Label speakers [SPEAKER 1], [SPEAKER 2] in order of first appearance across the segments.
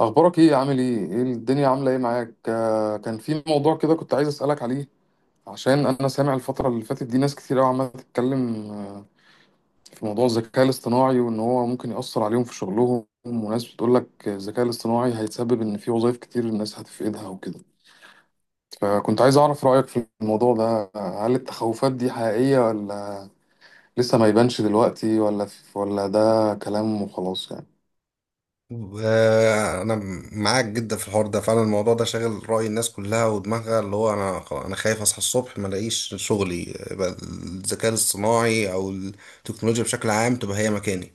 [SPEAKER 1] اخبارك ايه؟ عامل ايه؟ ايه الدنيا عامله ايه معاك؟ كان في موضوع كده كنت عايز اسالك عليه. عشان انا سامع الفتره اللي فاتت دي ناس كتير قوي عماله تتكلم، في موضوع الذكاء الاصطناعي وان هو ممكن ياثر عليهم في شغلهم، وناس بتقول لك الذكاء الاصطناعي هيتسبب ان في وظائف كتير الناس هتفقدها وكده. فكنت عايز اعرف رايك في الموضوع ده، هل التخوفات دي حقيقيه، ولا لسه ما يبانش دلوقتي، ولا ولا ده كلام وخلاص يعني؟
[SPEAKER 2] انا معاك جدا في الحوار ده، فعلا الموضوع ده شاغل رأي الناس كلها ودماغها، اللي هو انا خايف اصحى الصبح ما الاقيش شغلي، يبقى الذكاء الاصطناعي او التكنولوجيا بشكل عام تبقى هي مكاني.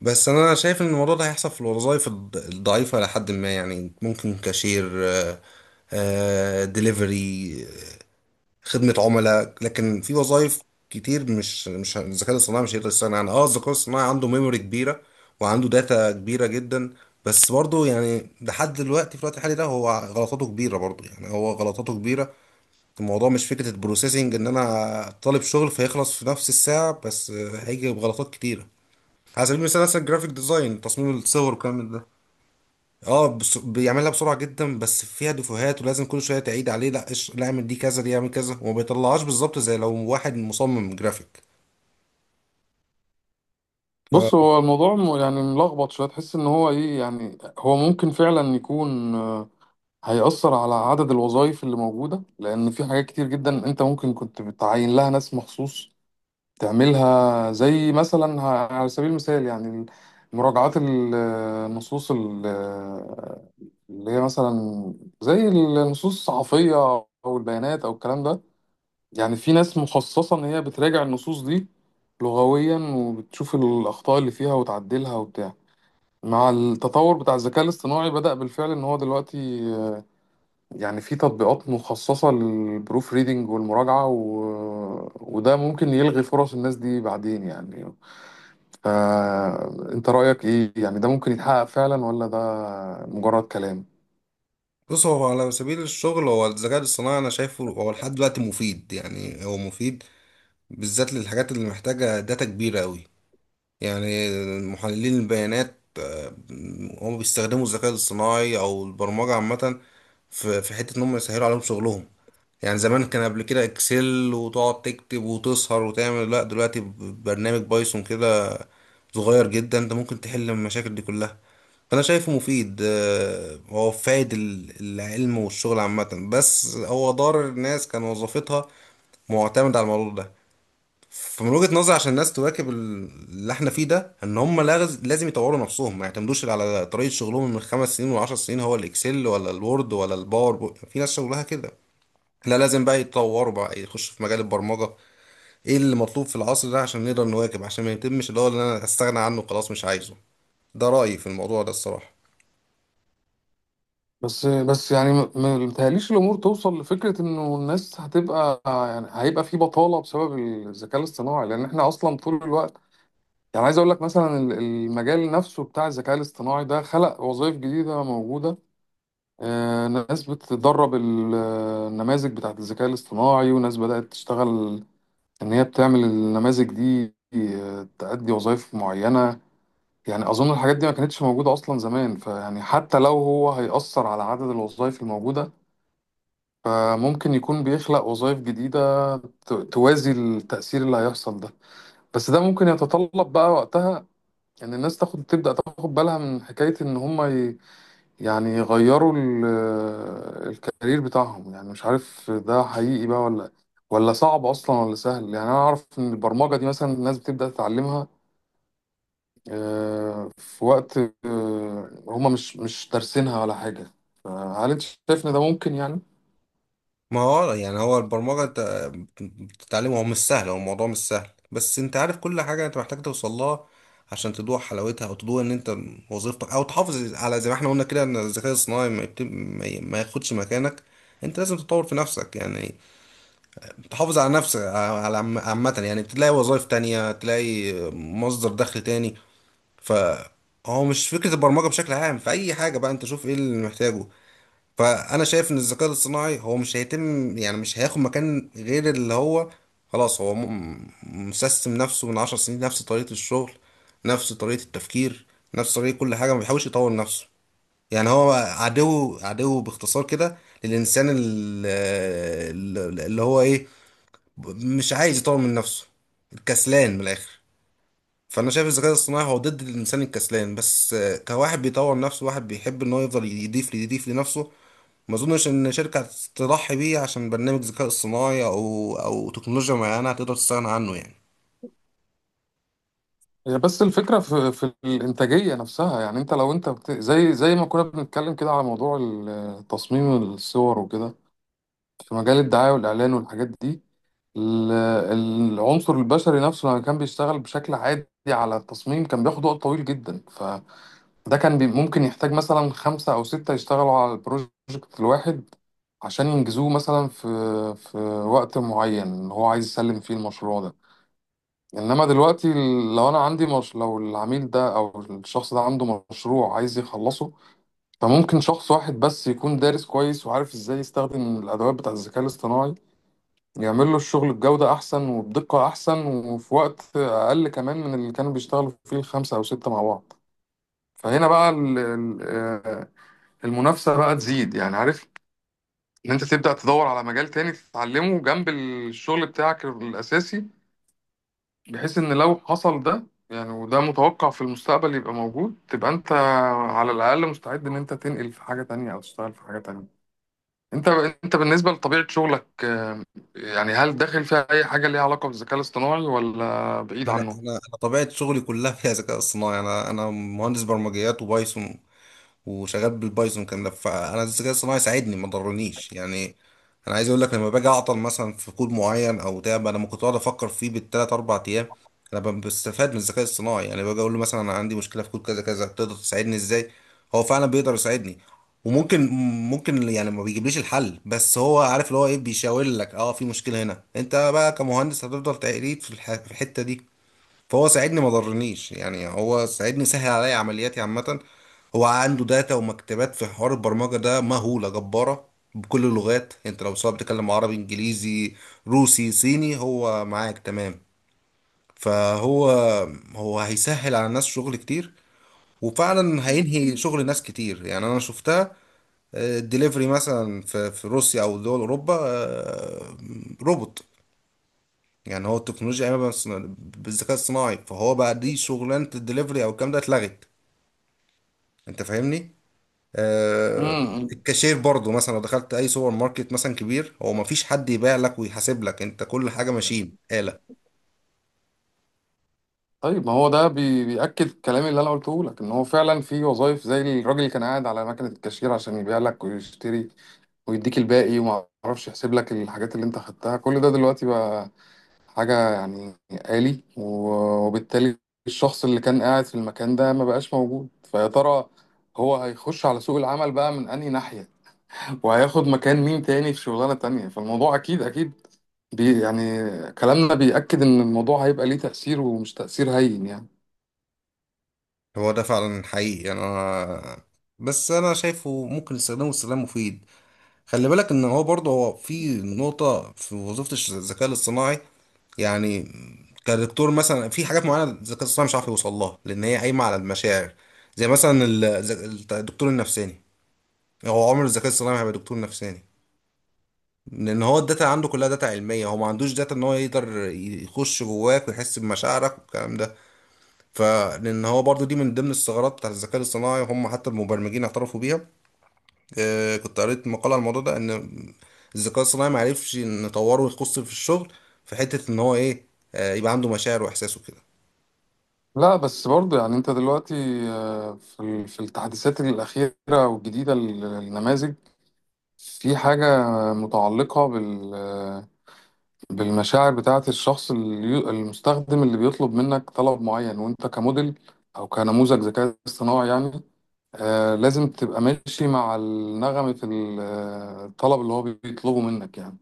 [SPEAKER 2] بس انا شايف ان الموضوع ده هيحصل في الوظائف الضعيفة، لحد ما يعني ممكن كاشير، ديليفري، خدمة عملاء. لكن في وظائف كتير مش الذكاء الاصطناعي مش هيقدر يستغنى عنها. اه، الذكاء الاصطناعي عنده ميموري كبيرة وعنده داتا كبيرة جدا، بس برضه يعني لحد دلوقتي في الوقت الحالي ده هو غلطاته كبيرة، برضه يعني هو غلطاته كبيرة. الموضوع مش فكرة البروسيسنج ان انا طالب شغل فيخلص في نفس الساعة، بس هيجي بغلطات كتيرة. على سبيل المثال مثلا الجرافيك ديزاين، تصميم الصور والكلام من ده، اه بس بيعملها بسرعه جدا، بس فيها دفوهات ولازم كل شويه تعيد عليه، لا لا اعمل دي كذا، دي اعمل كذا، وما بيطلعهاش بالظبط زي لو واحد مصمم جرافيك.
[SPEAKER 1] بص هو الموضوع يعني ملخبط شويه. تحس ان هو ايه؟ يعني هو ممكن فعلا يكون، هيأثر على عدد الوظائف اللي موجوده، لان في حاجات كتير جدا انت ممكن كنت بتعين لها ناس مخصوص تعملها، زي مثلا على سبيل المثال يعني مراجعات النصوص اللي هي مثلا زي النصوص الصحفيه او البيانات او الكلام ده. يعني في ناس مخصصة إن هي بتراجع النصوص دي لغويا، وبتشوف الأخطاء اللي فيها وتعدلها وبتاع. مع التطور بتاع الذكاء الاصطناعي بدأ بالفعل إن هو دلوقتي، آه، يعني في تطبيقات مخصصة للبروف ريدنج والمراجعة وده ممكن يلغي فرص الناس دي بعدين يعني. فأنت رأيك إيه؟ يعني ده ممكن يتحقق فعلا، ولا ده مجرد كلام؟
[SPEAKER 2] فبص، هو على سبيل الشغل، هو الذكاء الاصطناعي انا شايفه هو لحد دلوقتي مفيد، يعني هو مفيد بالذات للحاجات اللي محتاجه داتا كبيره قوي. يعني محللين البيانات هم بيستخدموا الذكاء الاصطناعي او البرمجه عامه في حته ان هم يسهلوا عليهم شغلهم. يعني زمان كان قبل كده اكسل، وتقعد تكتب وتسهر وتعمل، لا دلوقتي برنامج بايثون كده صغير جدا انت ممكن تحل المشاكل دي كلها. فانا شايفه مفيد، هو فايد العلم والشغل عامة، بس هو ضرر الناس كان وظيفتها معتمد على الموضوع ده. فمن وجهة نظري، عشان الناس تواكب اللي احنا فيه ده، ان هم لازم يطوروا نفسهم، ما يعتمدوش على طريقة شغلهم من 5 سنين وعشر سنين، هو الاكسل ولا الوورد ولا في ناس شغلها كده. لا، لازم بقى يتطوروا، بقى يخشوا في مجال البرمجة، ايه اللي مطلوب في العصر ده عشان نقدر نواكب، عشان ما يتمش اللي هو اللي انا استغنى عنه خلاص مش عايزه. ده رأيي في الموضوع ده الصراحة.
[SPEAKER 1] بس يعني ما متهيأليش الامور توصل لفكره انه الناس هتبقى، يعني هيبقى في بطاله بسبب الذكاء الاصطناعي، لان احنا اصلا طول الوقت يعني عايز اقول لك مثلا المجال نفسه بتاع الذكاء الاصطناعي ده خلق وظائف جديده موجوده. ناس بتدرب النماذج بتاعت الذكاء الاصطناعي، وناس بدات تشتغل ان هي بتعمل النماذج دي، تأدي وظائف معينه. يعني اظن الحاجات دي ما كانتش موجوده اصلا زمان، فيعني حتى لو هو هيأثر على عدد الوظائف الموجوده، فممكن يكون بيخلق وظائف جديدة توازي التأثير اللي هيحصل ده. بس ده ممكن يتطلب بقى وقتها ان الناس تاخد تبدأ تاخد بالها من حكاية ان هم يعني يغيروا الكارير بتاعهم. يعني مش عارف ده حقيقي بقى، ولا ولا صعب اصلا، ولا سهل. يعني انا اعرف ان البرمجة دي مثلا الناس بتبدأ تتعلمها، في وقت هم مش دارسينها ولا حاجة. فهل انت شايف ان ده ممكن يعني؟
[SPEAKER 2] ما هو يعني هو البرمجة انت بتتعلمه، هو مش سهل، هو الموضوع مش سهل، بس انت عارف كل حاجة انت محتاج توصل لها عشان تدوق حلاوتها، او تدوق ان انت وظيفتك او تحافظ على، زي ما احنا قلنا كده، ان الذكاء الصناعي ما, يبت... ما ي- ما ياخدش مكانك. انت لازم تطور في نفسك يعني، تحافظ على نفسك، على عامة يعني، تلاقي وظائف تانية، تلاقي مصدر دخل تاني. ف هو مش فكرة البرمجة بشكل عام، في أي حاجة بقى أنت شوف إيه اللي محتاجه. فأنا شايف إن الذكاء الاصطناعي هو مش هيتم يعني، مش هياخد مكان غير اللي هو خلاص هو مسيستم نفسه من 10 سنين، نفس طريقة الشغل، نفس طريقة التفكير، نفس طريقة كل حاجة، ما بيحاولش يطور نفسه. يعني هو عدو عدو باختصار كده للإنسان ال- ال- اللي هو إيه مش عايز يطور من نفسه، الكسلان من الاخر. فانا شايف الذكاء الاصطناعي هو ضد الانسان الكسلان، بس كواحد بيطور نفسه، واحد بيحب ان هو يفضل يضيف يضيف لنفسه، ما اظنش ان شركه تضحي بيه عشان برنامج ذكاء اصطناعي او تكنولوجيا معينه هتقدر تستغنى عنه يعني.
[SPEAKER 1] هي بس الفكرة في الإنتاجية نفسها. يعني أنت لو أنت زي ما كنا بنتكلم كده على موضوع تصميم الصور وكده في مجال الدعاية والإعلان والحاجات دي، ال- العنصر البشري نفسه لما كان بيشتغل بشكل عادي على التصميم كان بياخد وقت طويل جدا. فده كان ممكن يحتاج مثلا خمسة أو ستة يشتغلوا على البروجكت الواحد عشان ينجزوه مثلا في في وقت معين هو عايز يسلم فيه المشروع ده. انما دلوقتي لو انا عندي مش... لو العميل ده او الشخص ده عنده مشروع عايز يخلصه، فممكن شخص واحد بس يكون دارس كويس وعارف ازاي يستخدم الادوات بتاع الذكاء الاصطناعي يعمل له الشغل بجودة احسن وبدقة احسن وفي وقت اقل كمان من اللي كانوا بيشتغلوا فيه الخمسة او ستة مع بعض. فهنا بقى المنافسة بقى تزيد. يعني عارف ان انت تبدأ تدور على مجال تاني تتعلمه جنب الشغل بتاعك الاساسي، بحيث ان لو حصل ده يعني، وده متوقع في المستقبل يبقى موجود، تبقى انت على الاقل مستعد ان انت تنقل في حاجه تانية او تشتغل في حاجه تانية. انت انت بالنسبه لطبيعه شغلك، يعني هل داخل فيها اي حاجه ليها علاقه بالذكاء الاصطناعي، ولا بعيد عنه؟
[SPEAKER 2] انا طبيعه شغلي كلها فيها ذكاء اصطناعي، انا مهندس برمجيات وبايثون وشغال بالبايثون كان ده. فانا الذكاء الصناعي ساعدني، ما ضرنيش يعني. انا عايز اقول لك لما باجي اعطل مثلا في كود معين او تعب، انا ممكن اقعد افكر فيه بالثلاث اربع ايام، انا بستفاد من الذكاء الصناعي. يعني باجي اقول له مثلا انا عندي مشكله في كود كذا كذا، تقدر تساعدني ازاي؟ هو فعلا بيقدر يساعدني. وممكن يعني ما بيجيبليش الحل، بس هو عارف اللي هو ايه، بيشاور لك، اه في مشكله هنا، انت بقى كمهندس هتفضل تعيد في الحته دي. فهو ساعدني ما ضرنيش يعني، هو ساعدني سهل عليا عملياتي عامة. هو عنده داتا ومكتبات في حوار البرمجة ده مهولة جبارة بكل اللغات، انت لو سواء بتتكلم عربي، انجليزي، روسي، صيني، هو معاك تمام. فهو هو هيسهل على الناس شغل كتير، وفعلا هينهي شغل ناس كتير يعني. انا شفتها الدليفري مثلا في روسيا او دول اوروبا، روبوت، يعني هو التكنولوجيا قايمه بالذكاء الصناعي، فهو بقى دي شغلانه الدليفري او الكلام ده اتلغت، انت فاهمني؟ آه.
[SPEAKER 1] امم
[SPEAKER 2] الكاشير برضو مثلا، لو دخلت اي سوبر ماركت مثلا كبير، هو ما فيش حد يبيع لك ويحاسب لك، انت كل حاجه ماشين آلة.
[SPEAKER 1] طيب ما هو ده بيأكد الكلام اللي انا قلته لك ان هو فعلا في وظائف زي الراجل اللي كان قاعد على مكنه الكاشير عشان يبيع لك ويشتري ويديك الباقي وما اعرفش يحسب لك الحاجات اللي انت خدتها، كل ده دلوقتي بقى حاجة يعني آلي، وبالتالي الشخص اللي كان قاعد في المكان ده ما بقاش موجود. فيا ترى هو هيخش على سوق العمل بقى من أنهي ناحية، وهياخد مكان مين تاني في شغلانة تانية؟ فالموضوع أكيد أكيد بي يعني كلامنا بيأكد إن الموضوع هيبقى ليه تأثير، ومش تأثير هين يعني.
[SPEAKER 2] هو ده فعلا حقيقي يعني، انا بس انا شايفه ممكن استخدامه استخدام مفيد. خلي بالك ان هو برضه هو في نقطة في وظيفة الذكاء الاصطناعي، يعني كدكتور مثلا في حاجات معينة الذكاء الاصطناعي مش عارف يوصل لها لان هي قايمة على المشاعر. زي مثلا الدكتور النفساني، هو عمر الذكاء الاصطناعي ما هيبقى دكتور نفساني، لان هو الداتا عنده كلها داتا علمية، هو ما عندوش داتا ان هو يقدر يخش جواك ويحس بمشاعرك والكلام ده. فلان هو برضه دي من ضمن الثغرات بتاعت الذكاء الاصطناعي، هم حتى المبرمجين اعترفوا بيها. كنت قريت مقالة على الموضوع ده ان الذكاء الصناعي معرفش نطوره ويخص في الشغل في حتة ان هو ايه، يبقى عنده مشاعر واحساس وكده.
[SPEAKER 1] لا بس برضه يعني أنت دلوقتي، في في التحديثات الأخيرة والجديدة للنماذج في حاجة متعلقة بال بالمشاعر بتاعة الشخص المستخدم اللي بيطلب منك طلب معين، وانت كموديل او كنموذج ذكاء اصطناعي يعني، آه لازم تبقى ماشي مع النغمة في الطلب اللي هو بيطلبه منك يعني.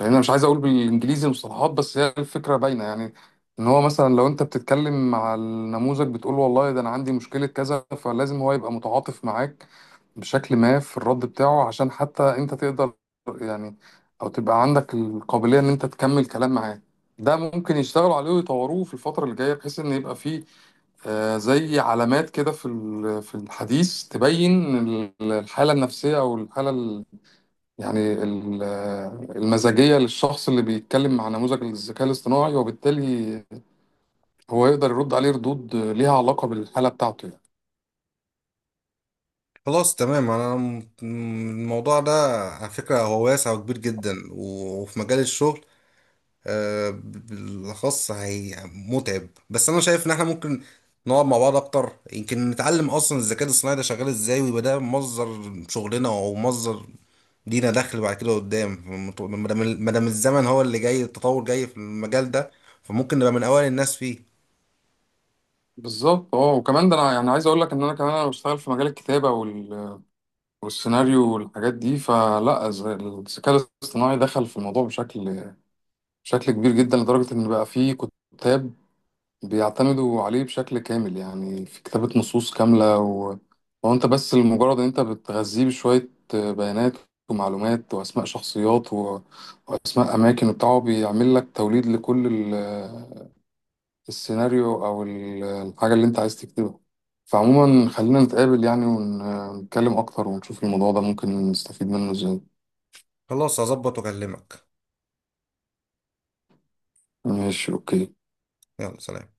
[SPEAKER 1] يعني انا مش عايز اقول بالانجليزي المصطلحات، بس هي الفكرة باينة يعني. ان هو مثلا لو انت بتتكلم مع النموذج بتقول له والله ده انا عندي مشكلة كذا، فلازم هو يبقى متعاطف معاك بشكل ما في الرد بتاعه، عشان حتى انت تقدر يعني او تبقى عندك القابلية ان انت تكمل كلام معاه. ده ممكن يشتغلوا عليه ويطوروه في الفترة اللي جاية، بحيث ان يبقى فيه، زي علامات كده في في الحديث تبين الحالة النفسية او الحالة يعني المزاجية للشخص اللي بيتكلم مع نموذج الذكاء الاصطناعي، وبالتالي هو يقدر يرد عليه ردود ليها علاقة بالحالة بتاعته يعني.
[SPEAKER 2] خلاص تمام، انا الموضوع ده على فكرة هو واسع وكبير جدا، وفي مجال الشغل بالاخص هي متعب. بس انا شايف ان احنا ممكن نقعد مع بعض اكتر، يمكن نتعلم اصلا الذكاء الاصطناعي ده شغال ازاي، ويبقى ده مصدر شغلنا او مصدر لينا دخل بعد كده قدام، ما دام ما دام الزمن هو اللي جاي التطور جاي في المجال ده، فممكن نبقى من اوائل الناس فيه.
[SPEAKER 1] بالظبط اه. وكمان ده انا يعني عايز اقول لك ان انا كمان انا بشتغل في مجال الكتابه والسيناريو والحاجات دي، فلا الذكاء الاصطناعي دخل في الموضوع بشكل بشكل كبير جدا، لدرجة إن بقى فيه كتاب بيعتمدوا عليه بشكل كامل يعني في كتابة نصوص كاملة وأنت بس لمجرد إن أنت بتغذيه بشوية بيانات ومعلومات وأسماء شخصيات وأسماء أماكن وبتاع، هو بيعمل لك توليد لكل السيناريو او الحاجه اللي انت عايز تكتبها. فعموما خلينا نتقابل يعني ونتكلم اكتر، ونشوف الموضوع ده ممكن نستفيد منه ازاي.
[SPEAKER 2] خلاص، هظبط واكلمك.
[SPEAKER 1] ماشي، اوكي.
[SPEAKER 2] يلا، سلام.